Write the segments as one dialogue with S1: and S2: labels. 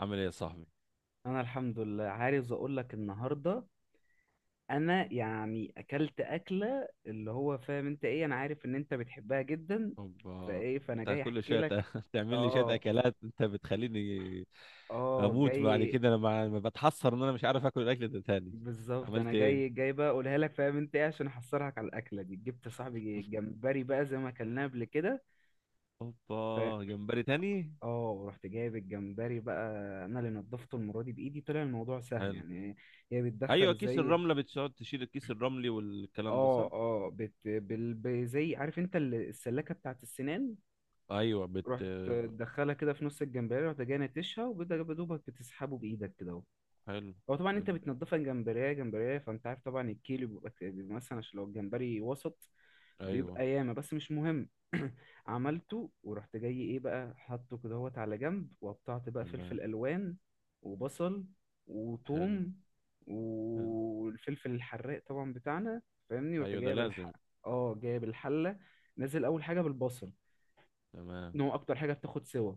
S1: عامل ايه يا صاحبي؟
S2: انا الحمد لله، عايز اقول لك النهارده. انا يعني اكلت اكله اللي هو فاهم انت ايه، انا عارف ان انت بتحبها جدا.
S1: اوبا.
S2: فايه فانا
S1: انت
S2: جاي
S1: كل
S2: احكي
S1: شويه
S2: لك.
S1: تعمل لي شويه
S2: اه،
S1: اكلات، انت بتخليني
S2: اه
S1: اموت بعد
S2: جاي.
S1: كده. انا ما بتحسر ان انا مش عارف اكل الاكل ده تاني.
S2: بالظبط، انا
S1: عملت
S2: جاي
S1: ايه؟
S2: جاي بقى اقولها لك. فاهم انت ايه؟ عشان احصرك على الاكله دي جبت صاحبي جمبري بقى زي ما اكلناه قبل كده.
S1: اوبا،
S2: ف
S1: جمبري تاني؟
S2: اه، رحت جايب الجمبري بقى. انا اللي نضفته المره دي بايدي، طلع الموضوع سهل
S1: حلو.
S2: يعني. هي
S1: ايوه،
S2: بتدخل
S1: كيس
S2: زي.
S1: الرمله بتقعد تشيل الكيس الرملي والكلام ده، صح؟
S2: اه، اه، زي، عارف انت السلاكه بتاعت السنان.
S1: ايوه،
S2: رحت تدخلها كده في نص الجمبريه، رحت جاي نتشها، وبدأ دوبك بتسحبه بايدك كده اهو.
S1: حلو.
S2: هو طبعا انت
S1: حلو.
S2: بتنضفها جمبريه جمبريه، فانت عارف طبعا الكيلو بيبقى مثلا، عشان لو الجمبري وسط
S1: ايوه،
S2: بيبقى ياما، بس مش مهم. عملته، ورحت جاي ايه بقى، حاطه كده هوت على جنب، وقطعت بقى
S1: تمام.
S2: فلفل الوان وبصل
S1: حلو.
S2: وثوم،
S1: حلو.
S2: والفلفل الحراق طبعا بتاعنا، فاهمني. ورحت
S1: ايوه، ده
S2: جايب
S1: لازم.
S2: اه، جايب الحله. نزل اول حاجه بالبصل،
S1: تمام.
S2: ان هو اكتر حاجه بتاخد سوا.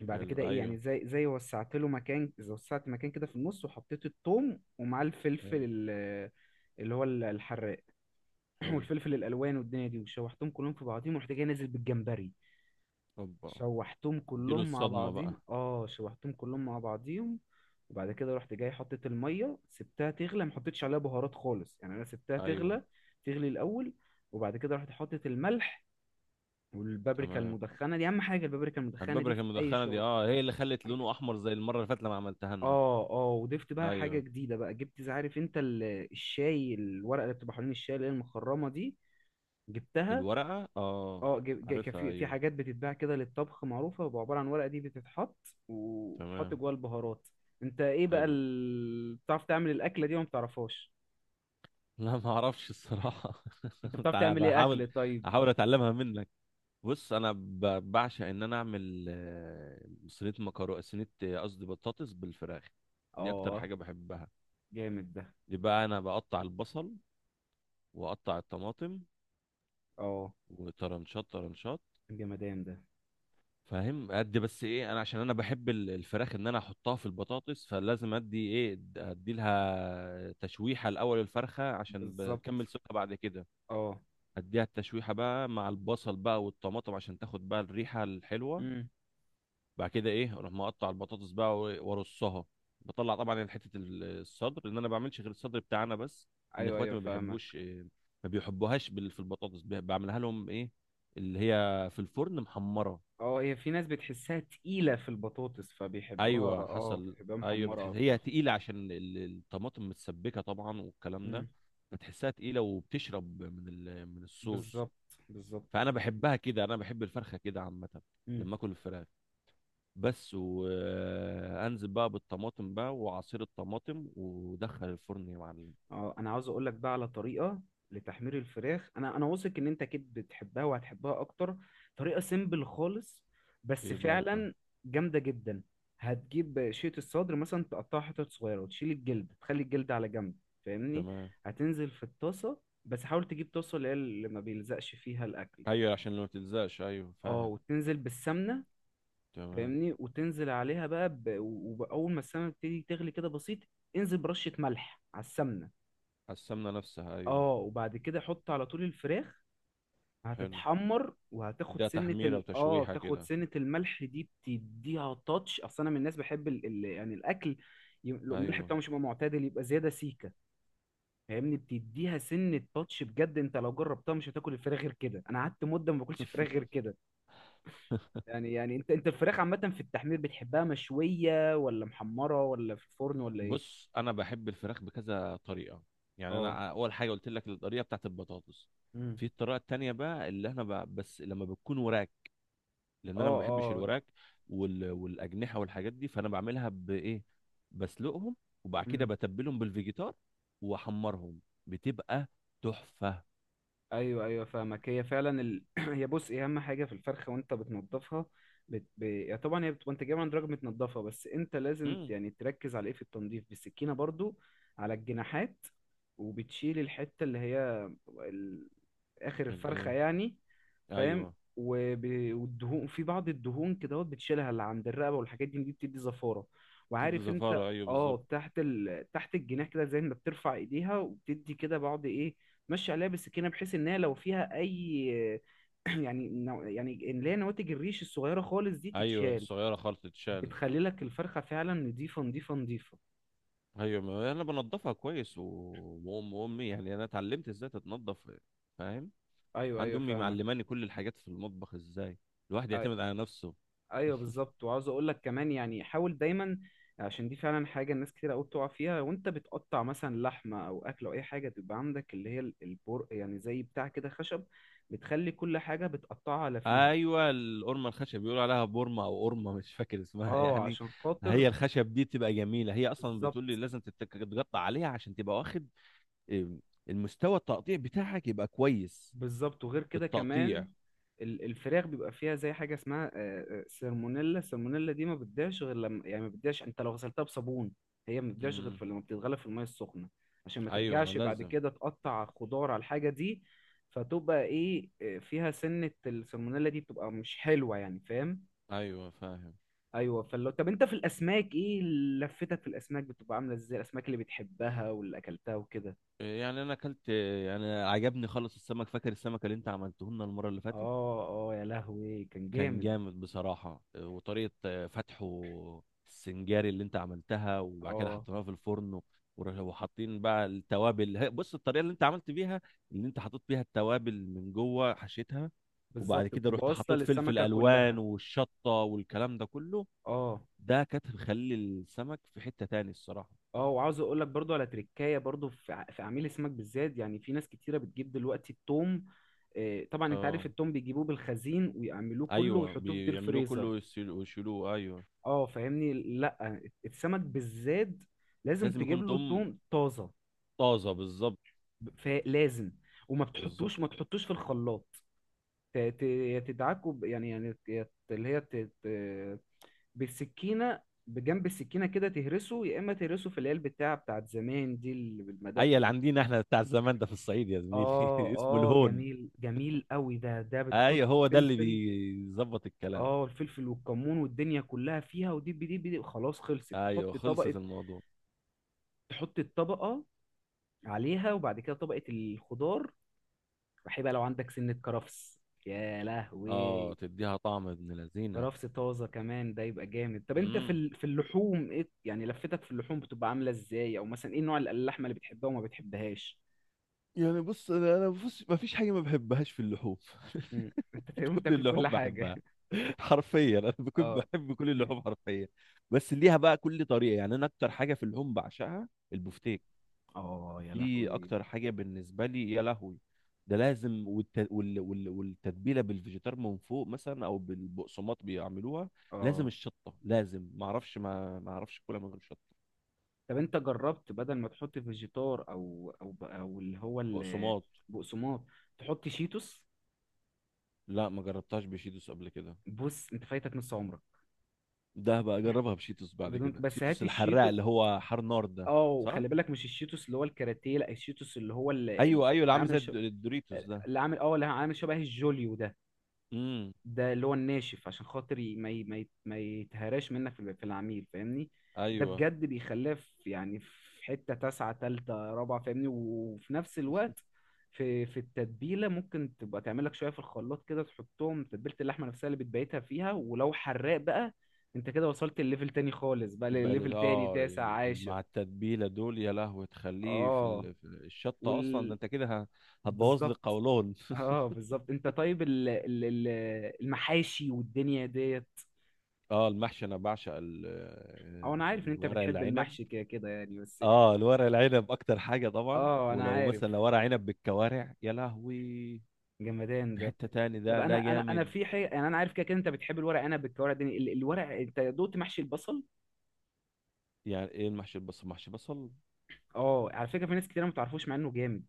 S2: بعد
S1: حلو.
S2: كده ايه يعني،
S1: ايوه.
S2: زي وسعت مكان كده في النص، وحطيت الثوم ومعاه الفلفل
S1: حلو.
S2: اللي هو الحراق،
S1: حلو.
S2: والفلفل الالوان والدنيا دي، وشوحتهم كلهم في بعضهم، ورحت جاي نازل بالجمبري.
S1: اوبا،
S2: شوحتهم
S1: اديله
S2: كلهم مع
S1: الصدمه
S2: بعضهم،
S1: بقى.
S2: وبعد كده رحت جاي حطيت الميه، سبتها تغلى، ما حطيتش عليها بهارات خالص يعني، انا سبتها
S1: ايوه.
S2: تغلى تغلي الاول. وبعد كده رحت حطيت الملح والبابريكا
S1: تمام.
S2: المدخنه دي، اهم حاجه البابريكا المدخنه دي
S1: البابريكا
S2: في اي
S1: المدخنة دي،
S2: شغل.
S1: اه، هي اللي خلت لونه احمر زي المرة اللي فاتت لما عملتها لنا.
S2: اه، اه، وضفت بقى حاجه
S1: ايوه،
S2: جديده بقى، جبت عارف انت الشاي، الورقه اللي بتبقى حوالين الشاي اللي هي المخرمه دي، جبتها.
S1: الورقة، اه.
S2: اه، كان
S1: عارفها،
S2: في
S1: ايوه.
S2: حاجات بتتباع كده للطبخ معروفة، بيبقى عبارة عن ورقة دي بتتحط وبتحط
S1: تمام.
S2: جواها البهارات. انت ايه بقى
S1: حلو.
S2: بتعرف تعمل الأكلة دي وما بتعرفهاش؟
S1: لا، ما اعرفش الصراحة.
S2: انت بتعرف
S1: انا
S2: تعمل ايه
S1: بحاول.
S2: أكل طيب؟
S1: احاول اتعلمها منك. بص، انا بعشق ان انا اعمل صينية مكرونة، صينية، قصدي بطاطس بالفراخ. دي اكتر
S2: اه
S1: حاجة بحبها.
S2: جامد ده.
S1: يبقى انا بقطع البصل، واقطع الطماطم،
S2: اه
S1: وطرنشات طرنشات.
S2: جمدان ده.
S1: فاهم، ادي بس ايه، انا عشان انا بحب الفراخ ان انا احطها في البطاطس، فلازم ادي ايه، ادي لها تشويحه الاول الفرخه عشان
S2: بالظبط.
S1: بكمل سوا بعد كده.
S2: اه.
S1: اديها التشويحه بقى مع البصل بقى والطماطم، عشان تاخد بقى الريحه الحلوه.
S2: امم.
S1: بعد كده ايه، اروح مقطع البطاطس بقى وارصها. بطلع طبعا يعني حته الصدر، لان انا ما بعملش غير الصدر بتاعنا بس. ان
S2: ايوه،
S1: اخواتي
S2: ايوه،
S1: ما بيحبوش،
S2: فاهمك.
S1: ما بيحبوهاش في البطاطس، بعملها لهم ايه، اللي هي في الفرن محمره.
S2: اه، هي في ناس بتحسها تقيلة في البطاطس فبيحبوها،
S1: ايوه
S2: اه
S1: حصل.
S2: بيحبوها
S1: ايوه،
S2: محمرة
S1: بتحس هي
S2: اكتر.
S1: تقيله عشان الطماطم متسبكه طبعا والكلام ده.
S2: امم.
S1: بتحسها تقيله وبتشرب من من الصوص.
S2: بالظبط، بالظبط.
S1: فانا بحبها كده، انا بحب الفرخه كده عامه.
S2: مم.
S1: لما اكل الفراخ. بس وانزل بقى بالطماطم بقى وعصير الطماطم، ودخل الفرن يا معلم.
S2: اه، انا عاوز اقول لك بقى على طريقه لتحمير الفراخ. انا واثق ان انت اكيد بتحبها وهتحبها اكتر. طريقه سيمبل خالص بس
S1: ايه بقى
S2: فعلا جامده جدا. هتجيب شيت الصدر مثلا، تقطعها حتت صغيره، وتشيل الجلد تخلي الجلد على جنب، فاهمني.
S1: تمام.
S2: هتنزل في الطاسه، بس حاول تجيب طاسه اللي ما بيلزقش فيها الاكل.
S1: ايوه، عشان لو ما تلزقش، ايوه
S2: اه،
S1: فاهم.
S2: وتنزل بالسمنه،
S1: تمام.
S2: فاهمني، وتنزل عليها بقى، واول ما السمنه تبتدي تغلي كده بسيط، انزل برشه ملح على السمنه.
S1: على السمنه نفسها، ايوه.
S2: اه، وبعد كده حط على طول الفراخ.
S1: حلو.
S2: هتتحمر، وهتاخد
S1: ده
S2: سنة
S1: تحميره
S2: ال اه
S1: وتشويحه
S2: تاخد
S1: كده.
S2: سنة الملح دي تديها تاتش. اصل انا من الناس بحب يعني الاكل، لو الملح
S1: ايوه.
S2: بتاعه مش يبقى معتدل يبقى زيادة سيكة، فاهمني. بتديها سنة تاتش بجد، انت لو جربتها مش هتاكل الفراخ غير كده. انا قعدت مدة ما باكلش فراخ غير كده. يعني انت الفراخ عامة في التحمير بتحبها مشوية ولا محمرة ولا في الفرن ولا ايه؟
S1: بص، انا بحب الفراخ بكذا طريقه. يعني
S2: اه.
S1: انا اول حاجه قلت لك الطريقه بتاعت البطاطس.
S2: امم.
S1: في الطريقه التانية بقى اللي احنا بقى، بس لما بتكون وراك. لان انا ما بحبش
S2: اه.
S1: الوراك والاجنحه والحاجات دي، فانا بعملها بايه؟ بسلقهم، وبعد كده
S2: اه.
S1: بتبلهم بالفيجيتار، واحمرهم. بتبقى تحفه.
S2: ايوه، ايوه، فاهمك. هي فعلا هي بص، إيه اهم حاجه في الفرخه وانت بتنضفها؟ يعني طبعا هي بتبقى انت جايبها عند راجل متنضفه، بس انت لازم
S1: امم
S2: يعني تركز على ايه في التنظيف بالسكينه برضو. على الجناحات، وبتشيل الحته اللي هي اخر الفرخه
S1: الايه؟
S2: يعني، فاهم.
S1: ايوه.
S2: والدهون، في بعض الدهون كده بتشيلها، اللي عند الرقبه والحاجات دي بتدي زفاره.
S1: بتبقى
S2: وعارف انت،
S1: زفاره، ايوه بالظبط.
S2: تحت الجناح كده، زي ما بترفع ايديها وبتدي كده بعض ايه. ماشي عليها بالسكينه، بحيث ان هي لو فيها اي، يعني يعني اللي هي نواتج الريش الصغيره خالص دي
S1: ايوه،
S2: تتشال.
S1: الصغيره خالص تتشال.
S2: بتخلي لك الفرخه فعلا نضيفه نضيفه نضيفه.
S1: ايوه، ما انا بنضفها كويس امي يعني انا اتعلمت ازاي تتنضف. فاهم.
S2: ايوه،
S1: عندي
S2: ايوه،
S1: امي
S2: فاهمك.
S1: معلماني كل الحاجات في المطبخ، ازاي الواحد يعتمد على نفسه.
S2: ايوه بالظبط. وعاوز اقول لك كمان يعني، حاول دايما، عشان دي فعلا حاجه الناس كتير قوي بتقع فيها. وانت بتقطع مثلا لحمه او اكل او اي حاجه، تبقى عندك اللي هي البر يعني، زي بتاع كده خشب، بتخلي كل حاجه بتقطعها على فيها.
S1: ايوه، القرمه الخشب بيقولوا عليها بورمه او قرمه، مش فاكر اسمها
S2: اه،
S1: يعني.
S2: عشان خاطر.
S1: هي الخشب دي تبقى جميله، هي اصلا
S2: بالظبط،
S1: بتقول لي لازم تتقطع عليها عشان تبقى واخد، إم، المستوى التقطيع بتاعك يبقى كويس.
S2: بالظبط، وغير كده كمان،
S1: بالتقطيع.
S2: الفراخ بيبقى فيها زي حاجه اسمها سالمونيلا. السالمونيلا دي ما بتضيعش غير لما، يعني ما بتضيعش انت لو غسلتها بصابون، هي ما بتضيعش غير
S1: امم
S2: في لما بتتغلى في الميه السخنه، عشان ما
S1: ايوه، ما
S2: ترجعش بعد
S1: لازم.
S2: كده تقطع خضار على الحاجه دي. فتبقى ايه، فيها سنه السالمونيلا دي بتبقى مش حلوه يعني، فاهم.
S1: ايوه فاهم.
S2: ايوه. فلو، طب انت في الاسماك ايه؟ لفتك في الاسماك بتبقى عامله ازاي، الاسماك اللي بتحبها واللي اكلتها وكده؟
S1: يعني انا اكلت، يعني عجبني خالص السمك. فاكر السمك اللي انت عملته لنا المره اللي فاتت؟
S2: اه، اه، يا لهوي كان
S1: كان
S2: جامد.
S1: جامد بصراحه، وطريقه فتحه السنجاري اللي انت عملتها وبعد كده
S2: اه،
S1: حطيناها في الفرن. وحاطين بقى التوابل، بص الطريقه اللي انت عملت بيها، اللي انت حطيت بيها التوابل من جوه، حشيتها. وبعد
S2: بالظبط،
S1: كده
S2: بتبقى
S1: رحت
S2: واصله
S1: حطيت فلفل
S2: للسمكه
S1: الوان
S2: كلها.
S1: والشطه والكلام ده كله.
S2: اه،
S1: ده كانت مخلي السمك في حته تاني الصراحه.
S2: اه، وعاوز اقول لك برضو على تريكايه برضو في عميل السمك بالذات. يعني في ناس كتيره بتجيب دلوقتي التوم. طبعا انت عارف
S1: اه.
S2: التوم بيجيبوه بالخزين ويعملوه كله
S1: ايوه
S2: ويحطوه في دير
S1: بيعملوه كله
S2: فريزر.
S1: ويشيلوه، ايوه.
S2: اه، فاهمني. لا، السمك بالذات لازم
S1: لازم
S2: تجيب
S1: يكون
S2: له
S1: توم
S2: توم طازه.
S1: طازه، بالظبط
S2: لازم. وما
S1: بالظبط.
S2: بتحطوش ما تحطوش في الخلاط، يا تدعكه، يعني اللي هي بالسكينه، بجنب السكينه كده تهرسه، يا اما تهرسه في العلب بتاعت زمان دي اللي بالمدق.
S1: اي اللي عندنا احنا بتاع الزمان ده في الصعيد يا زميلي،
S2: اه،
S1: اسمه
S2: اه،
S1: الهون.
S2: جميل، جميل قوي ده بتحط
S1: ايوه، هو ده اللي
S2: الفلفل،
S1: بيظبط الكلام.
S2: اه، الفلفل والكمون والدنيا كلها فيها. ودي بدي، خلاص خلصت،
S1: ايوه،
S2: تحط طبقة.
S1: خلصت الموضوع.
S2: تحط الطبقة عليها، وبعد كده طبقة الخضار. وحيبقى لو عندك سنة كرفس يا
S1: اه،
S2: لهوي،
S1: تديها طعم ابن لذينه.
S2: كرفس طازة كمان، ده يبقى جامد. طب انت في
S1: امم
S2: اللحوم ايه يعني، لفتك في اللحوم بتبقى عاملة ازاي، او مثلا ايه نوع اللحمة اللي بتحبها وما بتحبهاش؟
S1: يعني بص، انا بص، ما فيش حاجه ما بحبهاش في اللحوم.
S2: مم. انت تقريبا
S1: كل
S2: بتاكل كل
S1: اللحوم
S2: حاجة؟
S1: بحبها، حرفيا. انا بكون
S2: اه.
S1: بحب كل اللحوم حرفيا. بس ليها بقى كل طريقه. يعني انا اكتر حاجه في اللحوم بعشقها البفتيك.
S2: اه، يا
S1: دي
S2: لهوي.
S1: اكتر حاجه بالنسبه لي، يا لهوي. ده لازم، والتتبيله بالفيجيتار من فوق مثلا، او بالبقسماط بيعملوها. لازم
S2: اه،
S1: الشطه لازم، ما اعرفش، ما اعرفش كلها من غير شطه.
S2: طب انت جربت بدل ما تحط فيجيتار او، او اللي هو
S1: بقسماط.
S2: البقسماط، تحط شيتوس؟
S1: لا، ما جربتهاش بشيتوس قبل كده.
S2: بص انت فايتك نص عمرك.
S1: ده بقى اجربها بشيتوس بعد
S2: بدون،
S1: كده،
S2: بس هات
S1: شيتوس الحراق
S2: الشيتو.
S1: اللي هو حار نار ده.
S2: اه،
S1: صح.
S2: وخلي بالك، مش الشيتوس اللي هو الكاراتيه، لا، الشيتوس اللي هو
S1: ايوه ايوه، اللي عامل زي
S2: عامل
S1: الدوريتوس ده.
S2: اللي عامل شبه الجوليو ده،
S1: امم
S2: ده اللي هو الناشف، عشان خاطر ما يتهراش منك في العميل، فاهمني. ده
S1: ايوه.
S2: بجد بيخليه في يعني في حتة تاسعة تالتة رابعة، فاهمني. وفي نفس الوقت، في التتبيلة، ممكن تبقى تعمل لك شوية في الخلاط كده، تحطهم تتبيلة اللحمة نفسها اللي بتبيتها فيها. ولو حراق بقى، انت كده وصلت الليفل تاني خالص، بقى
S1: يبقى
S2: لليفل تاني
S1: اه
S2: تاسع عاشر.
S1: مع التتبيله دول، يا لهوي، تخليه في
S2: اه،
S1: في الشطه اصلا، ده
S2: وال
S1: انت كده هتبوظ لي
S2: بالظبط.
S1: القولون.
S2: اه، بالظبط. انت طيب المحاشي والدنيا ديت؟
S1: اه المحشي، انا بعشق
S2: او انا عارف ان انت
S1: الورق
S2: بتحب
S1: العنب.
S2: المحشي كده كده يعني، بس.
S1: اه، الورق العنب اكتر حاجه طبعا،
S2: اه، انا
S1: ولو مثلا لو
S2: عارف.
S1: ورق عنب بالكوارع، يا لهوي،
S2: جمدان
S1: في
S2: ده.
S1: حته تاني.
S2: طب
S1: ده ده
S2: انا
S1: جامد.
S2: في حاجه، يعني انا عارف كده كده انت بتحب الورق، انا بالكوارع الدنيا الورق، انت دوقت محشي البصل؟
S1: يعني ايه المحشي البصل؟ محشي بصل؟
S2: اه، على فكره في ناس كتير ما تعرفوش مع انه جامد.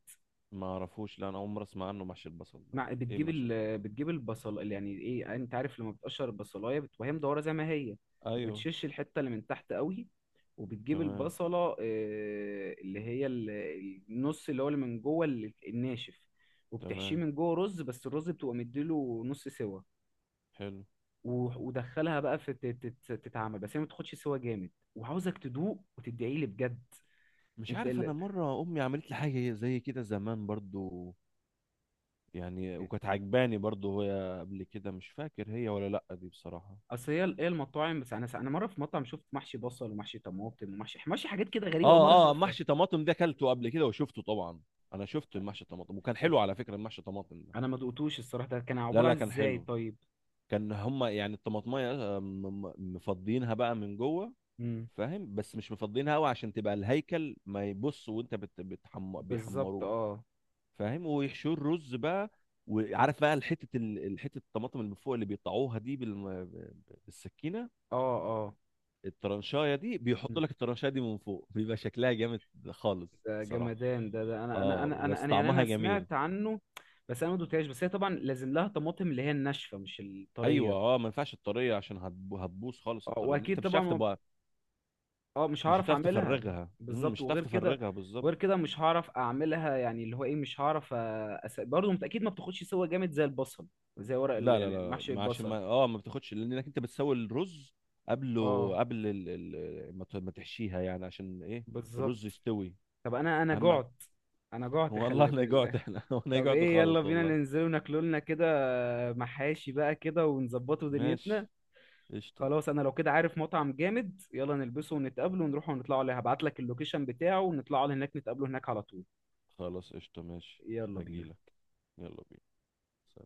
S1: ما اعرفوش، لا، انا عمري اسمع عنه محشي البصل ده. ايه محشي البصل؟
S2: بتجيب البصل، يعني ايه، انت عارف لما بتقشر البصلايه بتبقى هي مدوره زي ما هي، ما
S1: ايوه.
S2: بتشش الحته اللي من تحت قوي، وبتجيب
S1: تمام.
S2: البصله، اللي هي النص اللي هو اللي من جوه الناشف، وبتحشيه
S1: تمام.
S2: من جوه رز، بس الرز بتبقى مديله نص سوا.
S1: حلو.
S2: ودخلها بقى في تتعمل، بس هي ما تاخدش سوا جامد، وعاوزك تدوق وتدعي لي بجد.
S1: مش
S2: انت
S1: عارف، انا مره امي عملت لي حاجه زي كده زمان برضو. يعني وكانت عجباني برضو، هي قبل كده مش فاكر هي ولا لا دي بصراحه.
S2: اصل هي، المطاعم، بس انا، مره في مطعم شفت محشي بصل ومحشي طماطم ومحشي، حاجات كده غريبه اول مره
S1: اه اه،
S2: اشوفها.
S1: محشي طماطم ده اكلته قبل كده وشفته طبعا. انا شفت المحشي الطماطم وكان حلو على فكره، المحشي الطماطم ده.
S2: انا ما دقتوش الصراحه، ده كان
S1: لا
S2: عباره
S1: لا،
S2: عن
S1: كان
S2: ازاي
S1: حلو.
S2: طيب؟
S1: كان هما يعني الطماطميه، مفضيينها بقى من جوه.
S2: امم.
S1: فاهم، بس مش مفضيينها قوي عشان تبقى الهيكل ما يبص، وانت
S2: بالظبط.
S1: بيحمروه.
S2: اه.
S1: فاهم، ويحشوه الرز بقى. وعارف بقى الحته حته الطماطم اللي من فوق اللي بيقطعوها دي بالسكينه.
S2: اه. اه.
S1: الترنشايه دي، بيحط
S2: مم.
S1: لك الترنشايه دي من فوق، بيبقى شكلها جامد خالص
S2: ده
S1: صراحه.
S2: جمدان ده، ده انا انا
S1: اه
S2: انا انا
S1: بس
S2: أنا يعني
S1: طعمها
S2: انا
S1: جميل.
S2: سمعت عنه، بس انا ما دقتهاش. بس هي طبعا لازم لها طماطم اللي هي الناشفه مش
S1: ايوه،
S2: الطريه.
S1: اه، ما ينفعش الطريه عشان هتبوظ خالص
S2: اه،
S1: الطريه، انت
S2: واكيد
S1: مش
S2: طبعا
S1: هتعرف
S2: ما
S1: تبقى،
S2: اه، مش
S1: مش
S2: هعرف
S1: هتعرف
S2: اعملها.
S1: تفرغها.
S2: بالظبط.
S1: مش هتعرف
S2: وغير كده،
S1: تفرغها بالظبط.
S2: مش هعرف اعملها، يعني اللي هو ايه، مش هعرف برضه انت اكيد ما بتاخدش سوا جامد زي البصل، زي ورق
S1: لا لا
S2: يعني
S1: لا
S2: محشي
S1: ما عشان
S2: البصل.
S1: ما اه ما بتاخدش لانك انت بتسوي الرز قبله،
S2: اه،
S1: قبل ما تحشيها يعني، عشان ايه؟ الرز
S2: بالظبط.
S1: يستوي.
S2: طب انا انا
S1: اهم.
S2: جعت، انا جعت،
S1: والله
S2: خلي
S1: لا جعت
S2: بالك.
S1: احنا. انا
S2: طب
S1: جعت
S2: ايه، يلا
S1: خالص
S2: بينا
S1: والله.
S2: ننزل وناكلوا لنا كده محاشي بقى كده، ونظبطوا دنيتنا.
S1: ماشي، قشطة.
S2: خلاص، انا لو كده عارف مطعم جامد، يلا نلبسه ونتقابله ونروح ونطلعوا عليه، هبعت لك اللوكيشن بتاعه، ونطلعوا على هناك نتقابله هناك على طول.
S1: خلاص قشطة، ماشي.
S2: يلا بينا.
S1: هجيلك. يلا بينا.